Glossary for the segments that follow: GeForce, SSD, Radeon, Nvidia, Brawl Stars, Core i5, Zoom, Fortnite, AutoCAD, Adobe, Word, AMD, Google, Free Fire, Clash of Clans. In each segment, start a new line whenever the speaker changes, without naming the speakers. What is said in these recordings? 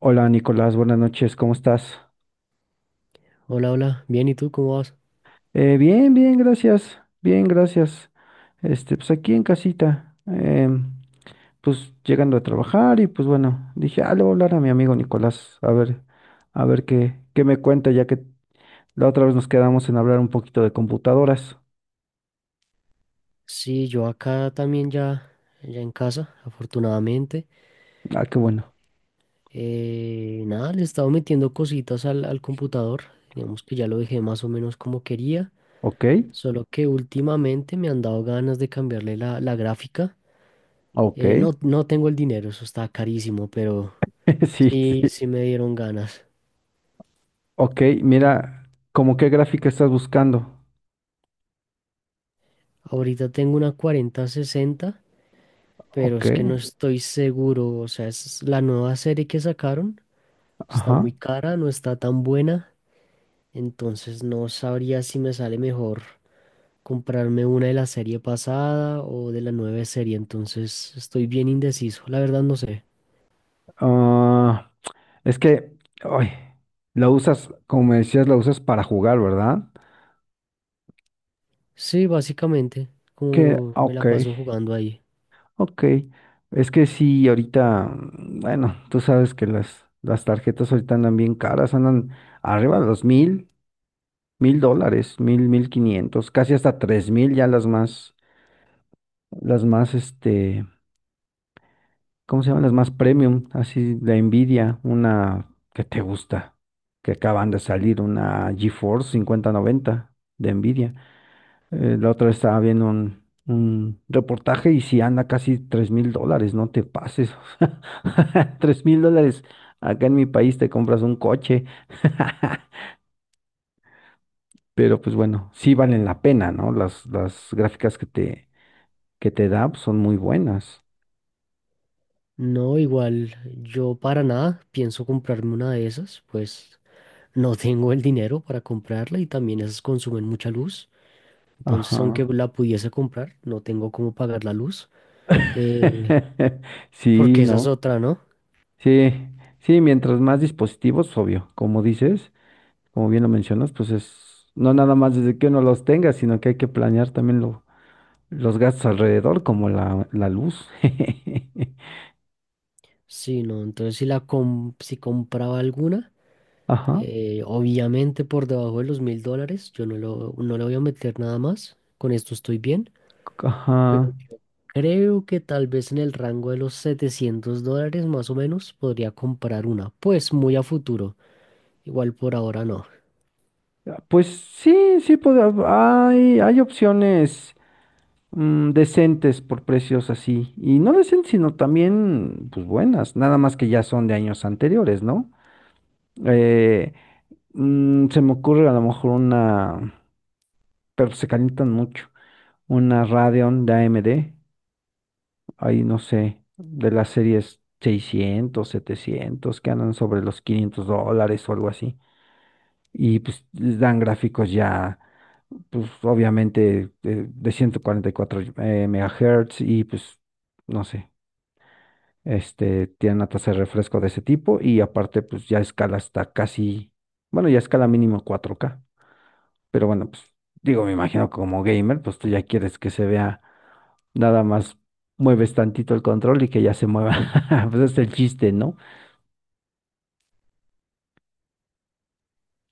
Hola Nicolás, buenas noches, ¿cómo estás?
Hola, hola, bien, ¿y tú cómo vas?
Bien, bien, gracias, bien, gracias. Pues aquí en casita, pues llegando a trabajar y pues bueno, dije, ah, le voy a hablar a mi amigo Nicolás, a ver qué me cuenta, ya que la otra vez nos quedamos en hablar un poquito de computadoras.
Sí, yo acá también ya, ya en casa, afortunadamente.
Ah, qué bueno.
Nada, le he estado metiendo cositas al computador, digamos que ya lo dejé más o menos como quería,
Ok,
solo que últimamente me han dado ganas de cambiarle la gráfica.
ok.
No tengo el dinero, eso está carísimo, pero
Sí,
sí,
sí.
sí me dieron ganas.
Ok, mira, ¿cómo qué gráfica estás buscando?
Ahorita tengo una 4060, pero
Ok,
es que no estoy seguro, o sea, es la nueva serie que sacaron. Está muy
ajá.
cara, no está tan buena, entonces no sabría si me sale mejor comprarme una de la serie pasada o de la nueva serie, entonces estoy bien indeciso, la verdad no sé.
Ah. Es que, ay, la usas, como me decías, la usas para jugar, ¿verdad?
Sí, básicamente,
Que,
como me
ok,
la paso jugando ahí.
ok. Es que sí, ahorita, bueno, tú sabes que las tarjetas ahorita andan bien caras, andan arriba de los mil, mil dólares, mil, 1.500, casi hasta tres mil ya las más, las más, ¿cómo se llaman? Las más premium, así, la Nvidia, una que te gusta, que acaban de salir, una GeForce 5090 de Nvidia. La otra vez estaba viendo un reportaje y si anda casi 3.000 dólares, no te pases. 3.000 dólares. Acá en mi país te compras un coche. Pero pues bueno, sí valen la pena, ¿no? Las gráficas que te da pues, son muy buenas.
No, igual yo para nada pienso comprarme una de esas, pues no tengo el dinero para comprarla y también esas consumen mucha luz, entonces aunque
Ajá.
la pudiese comprar, no tengo cómo pagar la luz, eh,
Sí,
porque esa es
¿no?
otra, ¿no?
Sí, sí, mientras más dispositivos, obvio, como dices, como bien lo mencionas, pues es, no nada más desde que uno los tenga, sino que hay que planear también lo, los gastos alrededor, como la luz.
Sí, no, entonces si compraba alguna,
Ajá,
obviamente por debajo de los $1000, yo no le voy a meter nada más, con esto estoy bien, pero
ajá.
yo creo que tal vez en el rango de los $700 más o menos podría comprar una, pues muy a futuro, igual por ahora no.
Pues sí, sí, hay opciones decentes por precios así. Y no decentes, sino también, pues buenas. Nada más que ya son de años anteriores, ¿no? Eh, Se me ocurre a lo mejor una, pero se calientan mucho, una Radeon de AMD. Ahí no sé, de las series 600 700 que andan sobre los 500 dólares o algo así. Y pues les dan gráficos ya, pues obviamente de 144 megahertz y pues no sé, tienen una tasa de refresco de ese tipo y aparte pues ya escala hasta casi, bueno, ya escala mínimo 4K, pero bueno, pues digo, me imagino que como gamer, pues tú ya quieres que se vea, nada más mueves tantito el control y que ya se mueva. Pues es el chiste, ¿no?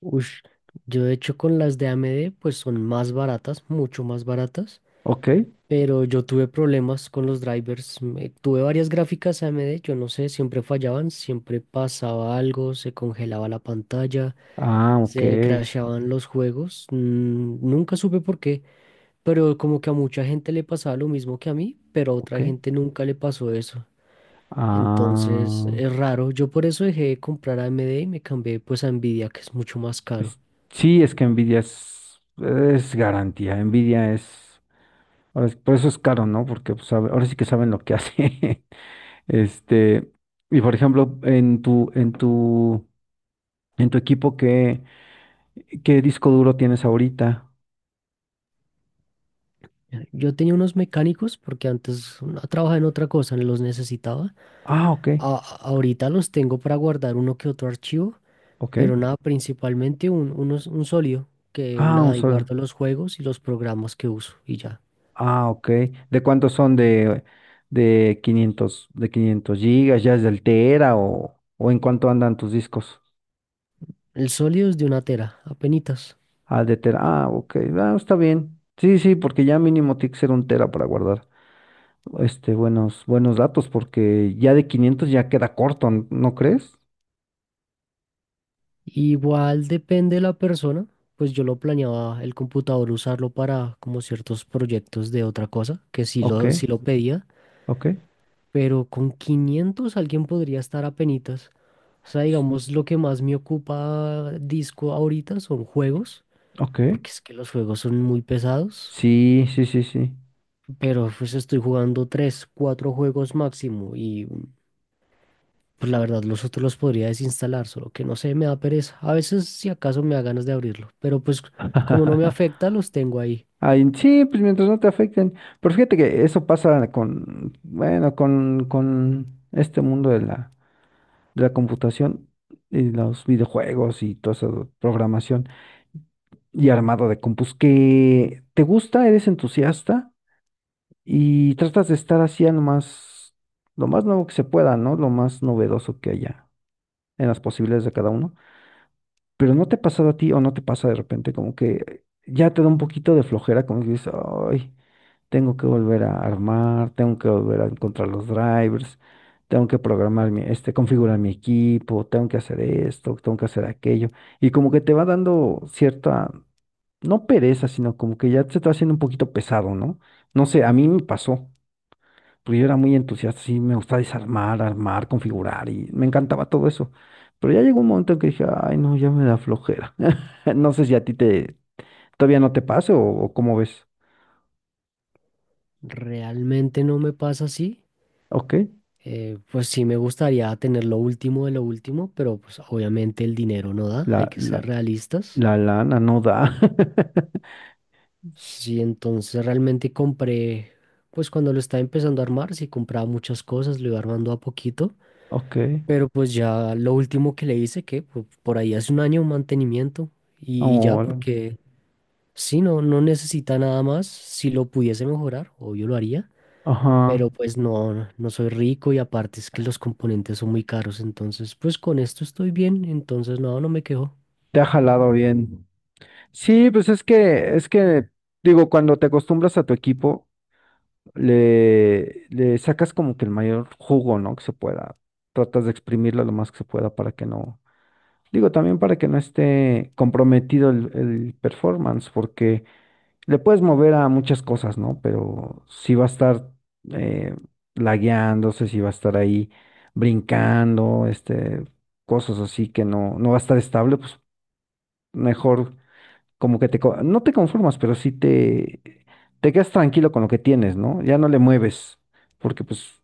Ush, yo de hecho con las de AMD pues son más baratas, mucho más baratas.
Ok.
Pero yo tuve problemas con los drivers. Tuve varias gráficas AMD, yo no sé, siempre fallaban, siempre pasaba algo, se congelaba la pantalla,
Ah, ok.
se crashaban los juegos. Nunca supe por qué, pero como que a mucha gente le pasaba lo mismo que a mí, pero a
Ok.
otra gente nunca le pasó eso. Entonces
Ah,
es raro. Yo por eso dejé de comprar AMD y me cambié pues a Nvidia, que es mucho más caro.
es- sí, es que Nvidia es garantía. Nvidia es, ahora por eso es caro, ¿no? Porque pues, ahora sí que saben lo que hace. Este, y por ejemplo, en tu equipo, ¿qué disco duro tienes ahorita?
Yo tenía unos mecánicos porque antes trabajaba en otra cosa, los necesitaba.
Ah, ok,
Ahorita los tengo para guardar uno que otro archivo,
ok.
pero nada, principalmente un sólido, que
Ah, un
nada, y
solo.
guardo los juegos y los programas que uso y ya.
Ah, ok. ¿De cuántos son de 500? ¿De 500 gigas? ¿Ya es del Tera o en cuánto andan tus discos?
El sólido es de una tera, apenitas.
Ah, de Tera. Ah, ok. Ah, está bien. Sí, sí, porque ya mínimo tiene que ser un Tera para guardar buenos datos, porque ya de 500 ya queda corto, ¿no crees?
Igual depende de la persona, pues yo lo planeaba el computador usarlo para como ciertos proyectos de otra cosa,
Ok,
sí lo pedía,
ok,
pero con 500 alguien podría estar apenitas. O sea,
s-
digamos, lo que más me ocupa disco ahorita son juegos
ok.
porque es que los juegos son muy pesados,
Sí, sí, sí, sí.
pero pues estoy jugando tres, cuatro juegos máximo y pues la verdad los otros los podría desinstalar, solo que no sé, me da pereza. A veces si acaso me da ganas de abrirlo, pero pues como no me afecta, los tengo ahí.
Ay, sí, pues mientras no te afecten. Pero fíjate que eso pasa con, bueno, con este mundo de la computación y los videojuegos y toda esa programación y armado de compus que te gusta, eres entusiasta y tratas de estar así a lo más nuevo que se pueda, ¿no? Lo más novedoso que haya en las posibilidades de cada uno. Pero no te ha pasado a ti o no te pasa de repente como que ya te da un poquito de flojera, como que dices, ay, tengo que volver a armar, tengo que volver a encontrar los drivers, tengo que programar mi, configurar mi equipo, tengo que hacer esto, tengo que hacer aquello. Y como que te va dando cierta, no pereza, sino como que ya se te va haciendo un poquito pesado, ¿no? No sé, a mí me pasó, porque yo era muy entusiasta, sí, me gustaba desarmar, armar, configurar y me encantaba todo eso. Pero ya llegó un momento en que dije, ay, no, ya me da flojera. No sé si a ti te, todavía no te pase o cómo ves.
Realmente no me pasa así.
Ok,
Pues sí me gustaría tener lo último de lo último, pero pues obviamente el dinero no da, hay
la,
que ser
la
realistas.
La lana no da.
Sí, entonces realmente compré, pues cuando lo estaba empezando a armar, sí compraba muchas cosas, lo iba armando a poquito,
Ok.
pero pues ya lo último que le hice, por ahí hace un año mantenimiento y ya
Ahora.
porque sí, no, no necesita nada más, si lo pudiese mejorar, obvio lo haría,
Ajá.
pero pues no, no soy rico y aparte es que los componentes son muy caros, entonces pues con esto estoy bien, entonces no, no me quejo.
Te ha jalado bien. Sí, pues es que, digo, cuando te acostumbras a tu equipo, le sacas como que el mayor jugo, ¿no? Que se pueda. Tratas de exprimirlo lo más que se pueda para que no. Digo, también para que no esté comprometido el performance, porque le puedes mover a muchas cosas, ¿no? Pero si va a estar eh, lagueándose, si va a estar ahí brincando, cosas así que no va a estar estable, pues mejor como que te, no te conformas, pero sí te quedas tranquilo con lo que tienes, ¿no? Ya no le mueves, porque pues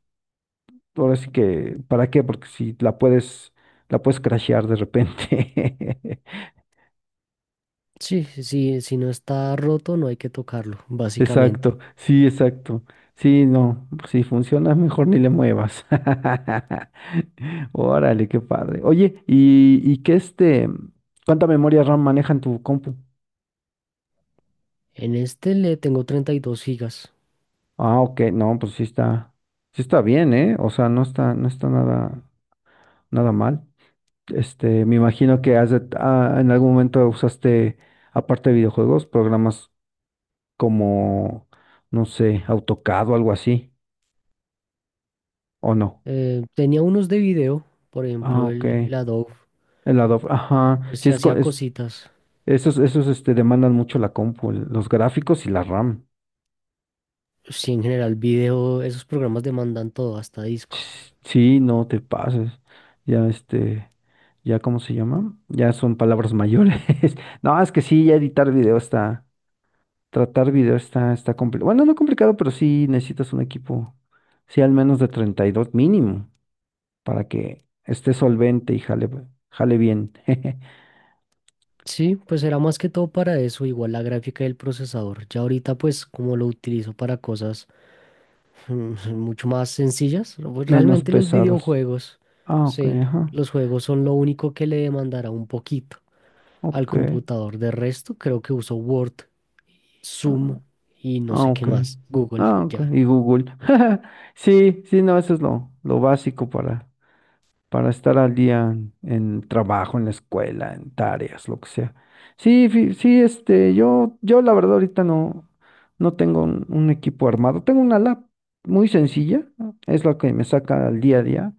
ahora sí que, ¿para qué? Porque si la puedes crashear de repente.
Sí, sí, sí, si no está roto no hay que tocarlo, básicamente.
Exacto, sí, exacto. Sí, no, si funciona mejor ni le muevas. Órale, qué padre. Oye, ¿y, y, qué este? ¿Cuánta memoria RAM maneja en tu compu?
En este le tengo 32 gigas.
Ah, ok, no, pues sí está bien, ¿eh? O sea, no está nada, nada mal. Me imagino que en algún momento usaste, aparte de videojuegos, programas como, no sé, AutoCAD o algo así, ¿o no?
Tenía unos de video, por
Ah,
ejemplo,
ok.
el Adobe,
El Adobe, ajá.
pues
Sí,
se hacía cositas.
esos demandan mucho la compu, los gráficos y la RAM.
Sí, en general, video, esos programas demandan todo, hasta disco.
Sí, no te pases. Ya, ya, ¿cómo se llama? Ya son palabras mayores. No, es que sí, ya editar video está, tratar video está complicado. Bueno, no complicado, pero sí necesitas un equipo, sí, al menos de 32 mínimo, para que esté solvente y jale bien.
Sí, pues era más que todo para eso, igual la gráfica y el procesador. Ya ahorita, pues, como lo utilizo para cosas mucho más sencillas, pues,
Menos
realmente los
pesadas.
videojuegos,
Ah, ok,
sí,
ajá.
los juegos son lo único que le demandará un poquito al
Ok.
computador. De resto, creo que uso Word, Zoom y no
Ah,
sé qué
ok.
más. Google,
Ah, ok.
ya.
Y Google. Sí, sí, no, eso es lo básico para estar al día en trabajo, en la escuela, en tareas, lo que sea. Sí, sí, yo la verdad ahorita no tengo un equipo armado. Tengo una lab muy sencilla, es la que me saca al día a día.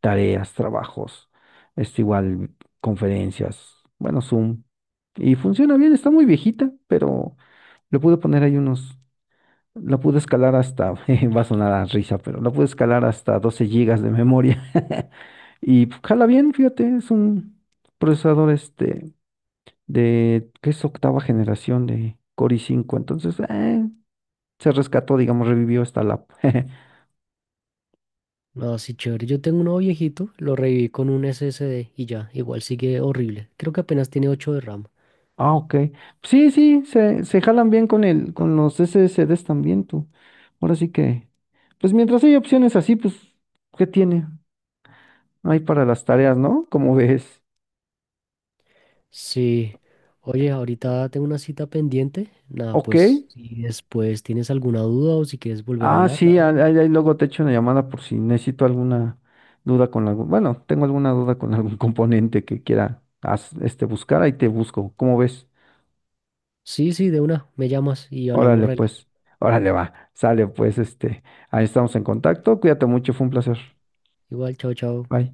Tareas, trabajos, igual, conferencias, bueno, Zoom. Y funciona bien, está muy viejita, pero le pude poner ahí unos. La pude escalar hasta, jeje, va a sonar a risa, pero la pude escalar hasta 12 gigas de memoria. Y pues, jala bien, fíjate, es un procesador de que es octava generación de Core i5, entonces se rescató, digamos, revivió esta lap.
No, sí, chévere. Yo tengo uno viejito, lo reviví con un SSD y ya, igual sigue horrible. Creo que apenas tiene 8 de RAM.
Ah, ok. Sí, sí, se jalan bien con el, con los SSDs también tú. Ahora sí que, pues mientras hay opciones así, pues, ¿qué tiene? Hay para las tareas, ¿no? Como ves.
Sí. Oye, ahorita tengo una cita pendiente. Nada,
Ok,
pues si después tienes alguna duda o si quieres volver a
ah,
hablar,
sí,
nada.
ahí luego te echo una llamada por si necesito alguna duda con algún, bueno, tengo alguna duda con algún componente que quiera buscar, ahí te busco. ¿Cómo ves?
Sí, sí, de una, me llamas y hablamos
Órale,
rela.
pues, órale, va, sale, pues, ahí estamos en contacto, cuídate mucho, fue un placer.
Igual, chao, chao.
Bye.